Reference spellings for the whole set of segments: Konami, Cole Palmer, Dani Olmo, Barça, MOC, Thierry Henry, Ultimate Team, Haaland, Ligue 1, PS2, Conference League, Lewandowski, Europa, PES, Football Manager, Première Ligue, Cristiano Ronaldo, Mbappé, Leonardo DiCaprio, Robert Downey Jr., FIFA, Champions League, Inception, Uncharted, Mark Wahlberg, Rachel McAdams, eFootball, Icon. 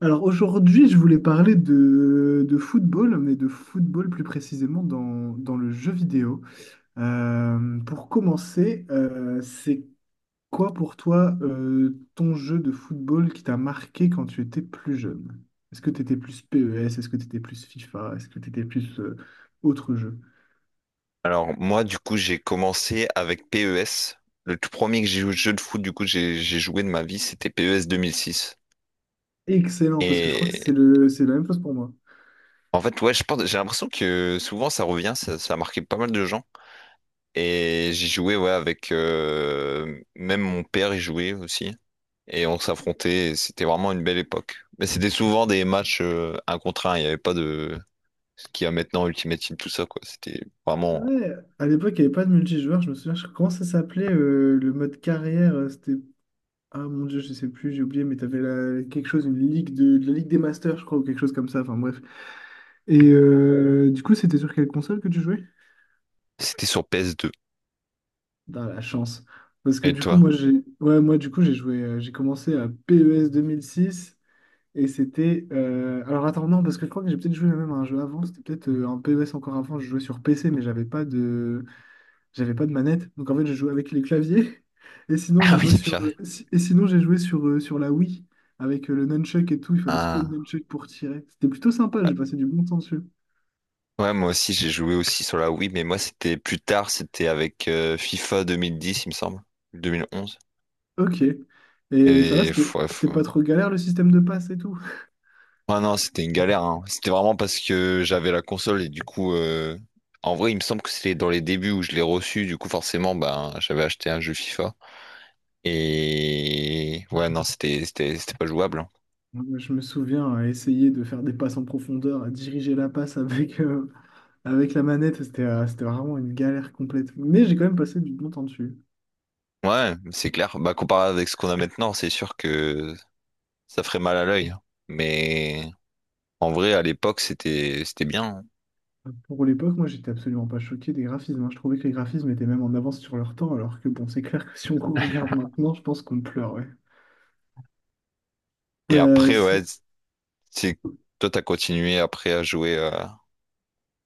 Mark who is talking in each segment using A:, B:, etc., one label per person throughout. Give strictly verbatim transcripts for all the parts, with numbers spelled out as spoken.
A: Alors aujourd'hui, je voulais parler de, de football, mais de football plus précisément dans, dans le jeu vidéo. Euh, pour commencer, euh, c'est quoi pour toi euh, ton jeu de football qui t'a marqué quand tu étais plus jeune? Est-ce que tu étais plus P E S? Est-ce que tu étais plus FIFA? Est-ce que tu étais plus euh, autre jeu?
B: Alors moi du coup j'ai commencé avec P E S. Le tout premier que j'ai joué jeu de foot du coup j'ai j'ai joué de ma vie c'était P E S deux mille six.
A: Excellent, parce que je crois que c'est
B: Et
A: le, c'est la même chose pour moi.
B: en fait ouais je pense j'ai l'impression que souvent ça revient ça, ça a marqué pas mal de gens. Et j'ai joué ouais avec euh, même mon père y jouait aussi et on s'affrontait et c'était vraiment une belle époque. Mais c'était souvent des matchs euh, un contre un il n'y avait pas de ce qu'il y a maintenant Ultimate Team tout ça quoi c'était vraiment
A: Ouais, à l'époque, il n'y avait pas de multijoueur. Je me souviens, je- comment ça s'appelait euh, le mode carrière? Euh, C'était Ah mon Dieu, je sais plus, j'ai oublié, mais t'avais la quelque chose, une ligue de... de la Ligue des Masters, je crois, ou quelque chose comme ça, enfin bref. Et euh, du coup, c'était sur quelle console que tu jouais?
B: c'était sur P S deux.
A: Dans la chance. Parce que
B: Et
A: du coup,
B: toi?
A: moi, j'ai ouais, moi, du coup, j'ai joué, euh, j'ai commencé à P E S six et c'était... euh, Alors attends, non, parce que je crois que j'ai peut-être joué même à un jeu avant, c'était peut-être euh, un P E S encore avant, je jouais sur P C, mais j'avais pas de. J'avais pas de manette, donc en fait j'ai joué avec les claviers. Et sinon j'ai
B: Ah oui
A: joué sur
B: purée.
A: euh, si- et sinon j'ai joué sur, euh, sur la Wii avec euh, le nunchuck et tout. Il fallait secouer le
B: Ah.
A: nunchuck pour tirer. C'était plutôt sympa. J'ai passé du bon temps dessus.
B: Ouais, moi aussi, j'ai joué aussi sur la Wii, mais moi, c'était plus tard, c'était avec euh, FIFA deux mille dix, il me semble, deux mille onze.
A: Ok. Et euh, ça va,
B: Et
A: c'était
B: faut- ouais,
A: c'était pas
B: faut-
A: trop galère le système de passe et tout.
B: ouais, non, c'était une galère, hein. C'était vraiment parce que j'avais la console et du coup, euh, en vrai, il me semble que c'était dans les débuts où je l'ai reçu, du coup, forcément, ben, j'avais acheté un jeu FIFA. Et ouais, non, c'était c'était c'était pas jouable. Hein.
A: Moi, je me souviens à essayer de faire des passes en profondeur, à diriger la passe avec, euh, avec la manette. C'était euh, c'était vraiment une galère complète. Mais j'ai quand même passé du bon temps dessus.
B: Ouais, c'est clair. Bah, comparé avec ce qu'on a maintenant, c'est sûr que ça ferait mal à l'œil. Hein. Mais en vrai, à l'époque, c'était c'était bien. Hein.
A: Pour l'époque, moi, j'étais absolument pas choqué des graphismes, hein. Je trouvais que les graphismes étaient même en avance sur leur temps, alors que bon, c'est clair que si on regarde maintenant, je pense qu'on pleure, ouais.
B: Et
A: Euh,
B: après, ouais,
A: sinon-
B: c'est toi, t'as continué après à jouer euh,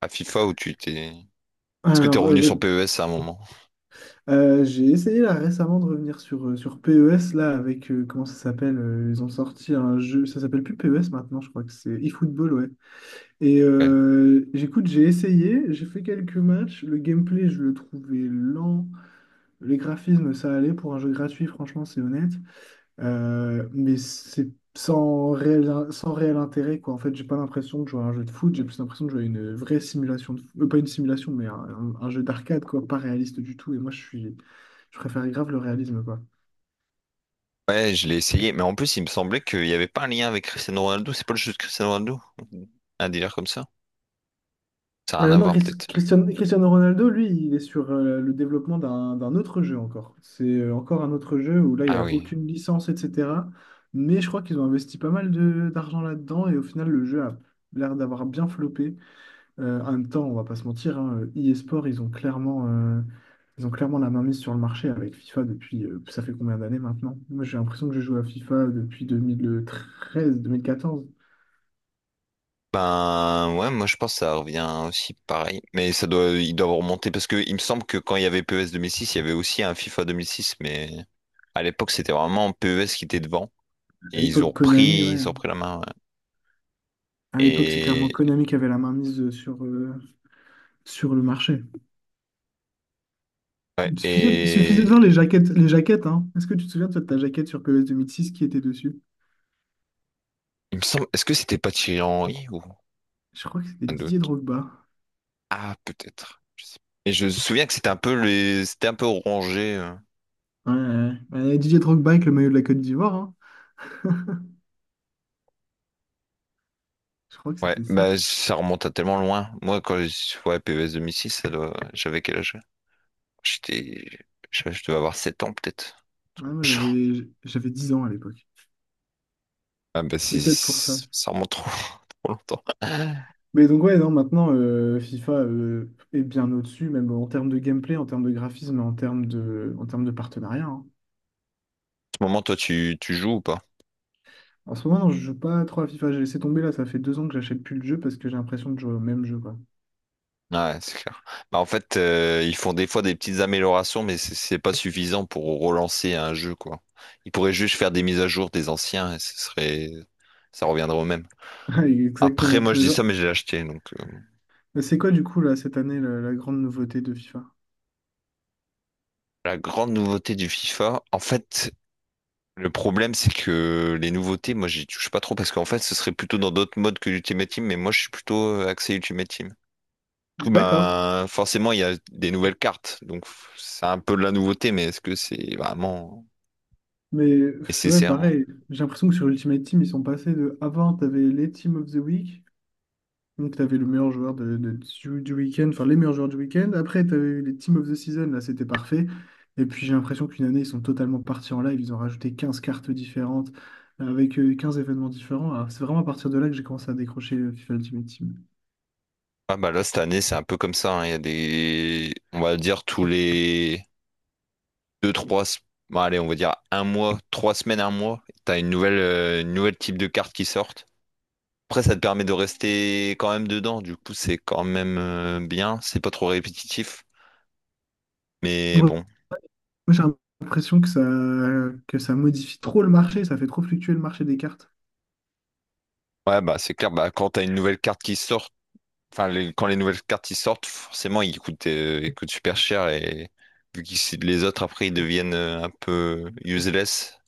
B: à FIFA ou tu t'es. Est-ce que t'es
A: alors, euh,
B: revenu
A: bah,
B: sur P E S à un moment?
A: euh, j'ai essayé là récemment de revenir sur, euh, sur P E S, là, avec, euh, comment ça s'appelle? Euh, ils ont sorti un jeu, ça s'appelle plus P E S maintenant, je crois que c'est eFootball, ouais. Et
B: Ouais.
A: euh, j'écoute, j'ai essayé, j'ai fait quelques matchs, le gameplay, je le trouvais lent, les graphismes, ça allait pour un jeu gratuit, franchement, c'est honnête. Euh, mais c'est sans réel, sans réel intérêt, quoi. En fait, j'ai pas l'impression de jouer à un jeu de foot, j'ai plus l'impression de jouer à une vraie simulation de foot. Pas une simulation, mais un, un- un jeu d'arcade, quoi, pas réaliste du tout. Et moi, je suis, je préfère grave le réalisme, quoi.
B: Ouais, je l'ai essayé, mais en plus, il me semblait qu'il n'y avait pas un lien avec Cristiano Ronaldo. C'est pas le jeu de Cristiano Ronaldo? Un délire comme ça? Ça a rien
A: Euh,
B: à
A: non,
B: voir,
A: Chris-
B: peut-être.
A: Christian- Cristiano Ronaldo, lui, il est sur euh, le développement d'un d'un autre jeu encore. C'est euh, encore un autre jeu où là, il n'y
B: Ah
A: a
B: oui.
A: aucune licence, et cetera. Mais je crois qu'ils ont investi pas mal de- d'argent là-dedans et au final, le jeu a l'air d'avoir bien floppé. Euh, en même temps, on va pas se mentir, hein, e-sport, ils ont clairement, euh, ils ont clairement la main mise sur le marché avec FIFA depuis, euh, ça fait combien d'années maintenant? Moi, j'ai l'impression que je joue à FIFA depuis deux mille treize, deux mille quatorze.
B: Ben ouais, moi je pense que ça revient aussi pareil, mais ça doit, ils doivent remonter parce que il me semble que quand il y avait P E S six, il y avait aussi un FIFA deux mille six. Mais à l'époque c'était vraiment P E S qui était devant
A: À
B: et ils
A: l'époque,
B: ont
A: Konami,
B: pris,
A: ouais,
B: ils ont
A: hein.
B: pris la main. Ouais.
A: À l'époque, c'est clairement
B: Et
A: Konami qui avait la main mise euh, sur, euh, sur le marché.
B: Ouais,
A: Il suffisait, il suffisait de
B: et
A: voir les jaquettes, les jaquettes, hein. Est-ce que tu te souviens, toi, de ta jaquette sur P E S deux mille six qui était dessus?
B: il me semble, est-ce que c'était pas Thierry Henry ou
A: Je crois que c'était
B: un
A: Didier
B: d'autre?
A: Drogba.
B: Ah, peut-être. Je sais pas. Et je me souviens que c'était un peu les, c'était un peu orangé. Euh.
A: Ouais, ouais, ouais. Ouais, Didier Drogba avec le maillot de la Côte d'Ivoire, hein. Je crois que
B: Ouais,
A: c'était ça.
B: bah ça remonte à tellement loin. Moi, quand je ouais, P E S deux mille six, ça doit... j'avais quel âge? J'étais, je, je devais avoir sept ans peut-être. Un
A: Ouais,
B: truc dans
A: moi,
B: le genre.
A: j'avais, j'avais dix ans à l'époque.
B: Ah bah si,
A: C'est peut-être pour ça.
B: si, ça remonte trop, trop longtemps. En
A: Mais donc, ouais, non, maintenant, euh, FIFA euh, est bien au-dessus, même en termes de gameplay, en termes de graphisme, en termes de, en termes de partenariat, hein.
B: ce moment, toi, tu, tu joues ou pas?
A: En ce moment, non, je joue pas trop à FIFA. J'ai laissé tomber là, ça fait deux ans que j'achète plus le jeu parce que j'ai l'impression de jouer au même jeu, quoi.
B: Ouais, c'est clair. Bah, en fait, euh, ils font des fois des petites améliorations, mais c'est c'est pas suffisant pour relancer un jeu, quoi. Ils pourraient juste faire des mises à jour des anciens et ce serait, ça reviendrait au même.
A: Ouais,
B: Après,
A: exactement.
B: moi, je
A: Mais,
B: dis
A: genre-
B: ça, mais j'ai acheté. Donc, euh,
A: mais c'est quoi, du coup, là, cette année, la, la grande nouveauté de FIFA?
B: la grande nouveauté du FIFA, en fait, le problème, c'est que les nouveautés, moi, j'y touche pas trop parce qu'en fait, ce serait plutôt dans d'autres modes que l'Ultimate Team, mais moi, je suis plutôt euh, axé Ultimate Team. Du coup,
A: D'accord.
B: ben, forcément, il y a des nouvelles cartes, donc c'est un peu de la nouveauté, mais est-ce que c'est vraiment
A: Mais, pff, ouais,
B: nécessaire? Hein?
A: pareil, j'ai l'impression que sur Ultimate Team, ils sont passés de avant, t'avais les Team of the Week. Donc, tu avais le meilleur joueur de, de- du, du week-end, enfin les meilleurs joueurs du week-end. Après, tu avais eu les Team of the Season, là, c'était parfait. Et puis, j'ai l'impression qu'une année, ils sont totalement partis en live. Ils ont rajouté quinze cartes différentes, euh, avec euh, quinze événements différents. Alors, c'est vraiment à partir de là que j'ai commencé à décrocher euh, FIFA Ultimate Team.
B: Ah bah là cette année c'est un peu comme ça, hein. Il y a des on va dire tous les deux trois se- bon, allez on va dire un mois, trois semaines, un mois, t'as une nouvelle euh, une nouvelle type de carte qui sortent. Après ça te permet de rester quand même dedans, du coup c'est quand même euh, bien, c'est pas trop répétitif. Mais
A: Moi,
B: bon.
A: moi, j'ai l'impression que ça, que ça modifie trop le marché, ça fait trop fluctuer le marché des cartes.
B: Ouais bah c'est clair, bah quand t'as une nouvelle carte qui sort, enfin les- quand les nouvelles cartes qui sortent, forcément ils coûtent, euh, ils coûtent super cher et vu que les autres après ils deviennent euh, un peu useless,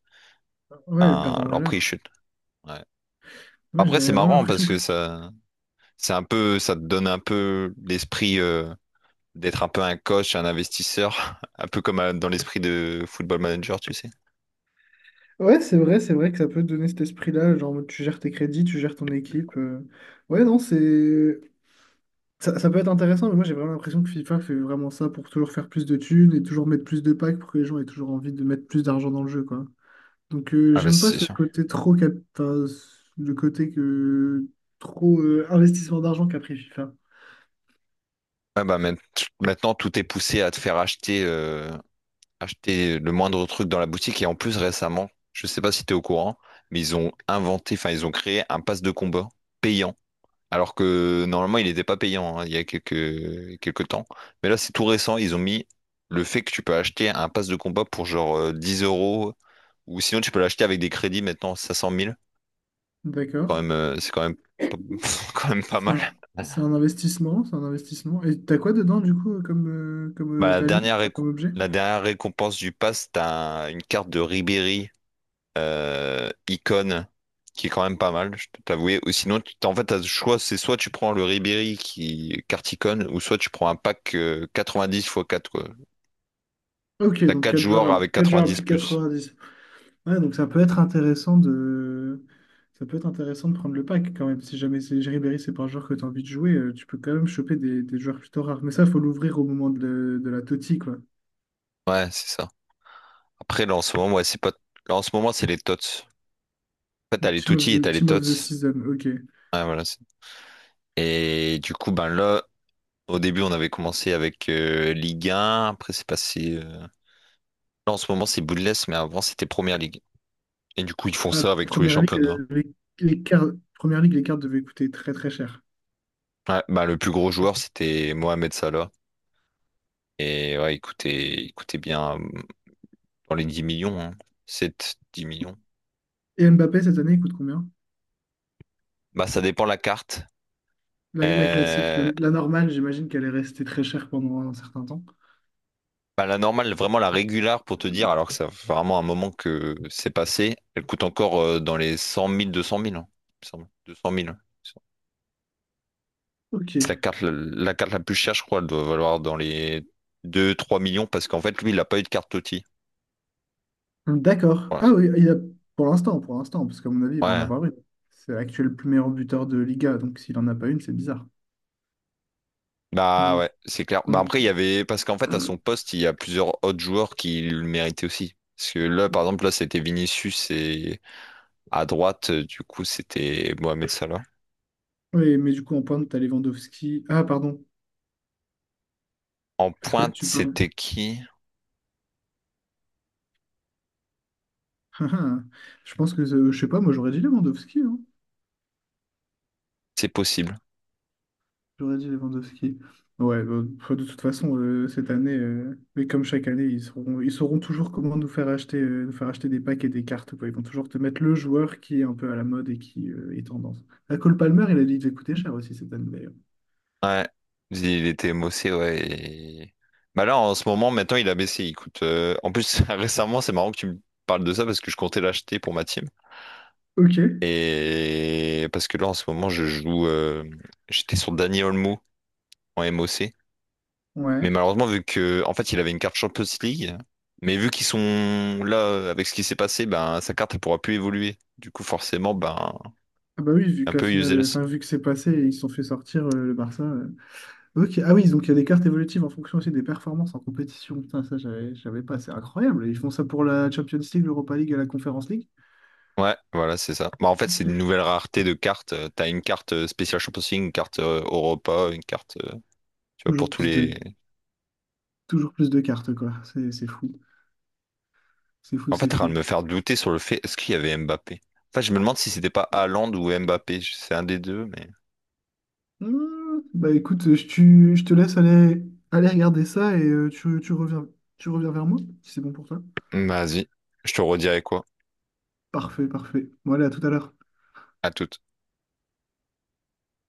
A: Ouais, elles perdent
B: hein,
A: en
B: leur prix
A: valeur.
B: chute. Ouais.
A: Moi, j'ai
B: Après, c'est
A: vraiment
B: marrant
A: l'impression
B: parce
A: que.
B: que ça, c'est un peu, ça te donne un peu l'esprit euh, d'être un peu un coach, un investisseur, un peu comme euh, dans l'esprit de Football Manager, tu sais.
A: Ouais, c'est vrai, c'est vrai que ça peut te donner cet esprit-là, genre en mode, tu gères tes crédits, tu gères ton équipe. euh, Ouais, non, c'est. Ça, ça peut être intéressant, mais moi j'ai vraiment l'impression que FIFA fait vraiment ça pour toujours faire plus de thunes et toujours mettre plus de packs pour que les gens aient toujours envie de mettre plus d'argent dans le jeu, quoi. Donc euh,
B: Ah bah
A: j'aime pas
B: c'est
A: ce
B: sûr.
A: côté trop cap... enfin, ce- le côté que trop euh, investissement d'argent qu'a pris FIFA.
B: Ouais, bah, maint- maintenant, tout est poussé à te faire acheter euh, acheter le moindre truc dans la boutique. Et en plus, récemment, je sais pas si tu es au courant, mais ils ont inventé, enfin, ils ont créé un pass de combat payant. Alors que normalement, il n'était pas payant hein, il y a quelques, quelques temps. Mais là, c'est tout récent. Ils ont mis le fait que tu peux acheter un pass de combat pour genre euh, dix euros. Ou sinon, tu peux l'acheter avec des crédits maintenant, cinq cent mille. Quand
A: D'accord.
B: même, euh, c'est quand même, pas- quand même pas
A: C'est
B: mal.
A: un, c'est un investissement, c'est un investissement. Et t'as quoi dedans du coup comme, euh, comme
B: Bah,
A: euh,
B: la
A: value,
B: dernière,
A: enfin
B: récom-
A: comme objet?
B: la dernière récompense du pass, t'as un- une carte de Ribéry euh, Icon, qui est quand même pas mal, je peux t'avouer. Ou sinon, tu- t'as- en fait, t'as le choix, c'est soit tu prends le Ribéry qui carte Icon, ou soit tu prends un pack euh, quatre-vingt-dix x quatre, quoi.
A: Ok,
B: T'as
A: donc
B: quatre
A: quatre joueurs
B: joueurs
A: à,
B: avec
A: quatre joueurs à
B: quatre-vingt-dix
A: plus de
B: plus.
A: quatre-vingt-dix. Ouais, donc ça peut être intéressant de... ça peut être intéressant de prendre le pack quand même. Si jamais c'est Ribéry, c'est pas un joueur que tu as envie de jouer, euh, tu peux quand même choper des, des joueurs plutôt rares. Mais ça, il faut l'ouvrir au moment de, le- de la Totti, quoi.
B: Ouais, c'est ça. Après, là, en ce moment, ouais, c'est pas... là, en ce moment, c'est les tots. En fait, t'as
A: Donc,
B: les
A: Team of
B: Tutti et
A: the,
B: t'as les
A: Team
B: tots.
A: of the Season, ok.
B: Ouais, voilà. c'est- Et du coup, ben là, au début, on avait commencé avec euh, Ligue un. Après, c'est passé. Euh, Là, en ce moment, c'est Bundesliga, mais avant, c'était Première Ligue. Et du coup, ils font
A: Ah,
B: ça avec tous les
A: première ligue,
B: championnats.
A: euh, les, les cartes. Première ligue, les cartes devaient coûter très très cher.
B: Ouais, bah, le plus gros joueur, c'était Mohamed Salah. Et ouais, il coûtait, il coûtait bien euh, dans les dix millions, hein. sept, dix millions.
A: Et Mbappé, cette année, il coûte combien?
B: Bah, ça dépend la carte.
A: La, la classique, la,
B: Euh,
A: la normale, j'imagine qu'elle est restée très chère pendant un certain temps.
B: bah, la normale, vraiment la régulière, pour te dire, alors que ça fait vraiment un moment que c'est passé, elle coûte encore euh, dans les cent mille, deux cent mille, hein, il me semble. deux cent mille.
A: Ok.
B: C'est la carte, la, la carte la plus chère, je crois, elle doit valoir dans les deux trois millions, parce qu'en fait, lui, il n'a pas eu de carte Toti.
A: D'accord. Ah oui, il a, pour l'instant, pour l'instant, parce qu'à mon avis, il va en
B: Voilà.
A: avoir une. C'est l'actuel plus meilleur buteur de Liga, donc s'il en a pas une, c'est bizarre. Et
B: Bah
A: Donc,
B: ouais, c'est clair. Bah
A: donc
B: après, il y
A: tu-
B: avait. Parce qu'en fait, à son poste, il y a plusieurs autres joueurs qui le méritaient aussi. Parce que là, par exemple, là, c'était Vinicius et à droite, euh, du coup, c'était Mohamed Salah.
A: oui, mais du coup, en pointe, t'as Lewandowski. Ah, pardon,
B: En
A: parce que là,
B: pointe,
A: tu parles.
B: c'était qui?
A: Je pense que, euh, je sais pas, moi, j'aurais dit Lewandowski, hein.
B: C'est possible.
A: J'aurais dit Lewandowski. Ouais, bah, de toute façon, euh, cette année, euh, mais comme chaque année, ils sauront, ils sauront toujours comment nous faire acheter, euh, nous faire acheter des packs et des cartes, quoi. Ils vont toujours te mettre le joueur qui est un peu à la mode et qui euh, est tendance. La Cole Palmer, il a dit qu'il devait coûter cher aussi cette année, d'ailleurs.
B: Ouais. Il était Mossé, ouais. et- Bah là, en ce moment, maintenant, il a baissé. Il coûte. euh, En plus, récemment, c'est marrant que tu me parles de ça parce que je comptais l'acheter pour ma team.
A: Ok,
B: Et parce que là, en ce moment, je joue. euh, J'étais sur Dani Olmo en M O C. Mais
A: ouais.
B: malheureusement, vu que, en fait, il avait une carte Champions League, mais vu qu'ils sont là euh, avec ce qui s'est passé, ben sa carte elle pourra plus évoluer. Du coup, forcément, ben
A: Ah bah oui, vu
B: un
A: que la
B: peu
A: finale, euh,
B: useless.
A: enfin, vu que c'est passé et ils se sont fait sortir euh, le Barça. euh. Ok, ah oui, donc il y a des cartes évolutives en fonction aussi des performances en compétition. Putain, ça, j'avais, j'avais pas. C'est incroyable. Ils font ça pour la Champions League, l'Europa League et la Conference League.
B: Ouais, voilà, c'est ça. Bah, en fait, c'est une
A: Tou-
B: nouvelle rareté de cartes. Euh, T'as une carte euh, spéciale Champions League, une carte euh, Europa, une carte, euh, tu vois, pour
A: Toujours
B: tous
A: plus
B: les.
A: de Toujours plus de cartes, quoi. C'est c'est fou. C'est fou,
B: En fait,
A: c'est
B: t'es en train de
A: fou.
B: me faire douter sur le fait, est-ce qu'il y avait Mbappé? En fait, je me demande si c'était pas Haaland ou Mbappé. C'est un des deux, mais.
A: Hmm, bah écoute, je, tu- je te laisse aller, aller regarder ça et euh, tu, tu reviens, tu reviens vers moi, si c'est bon pour toi.
B: Vas-y, je te redirai quoi.
A: Parfait, parfait. Voilà, à tout à l'heure.
B: À toute.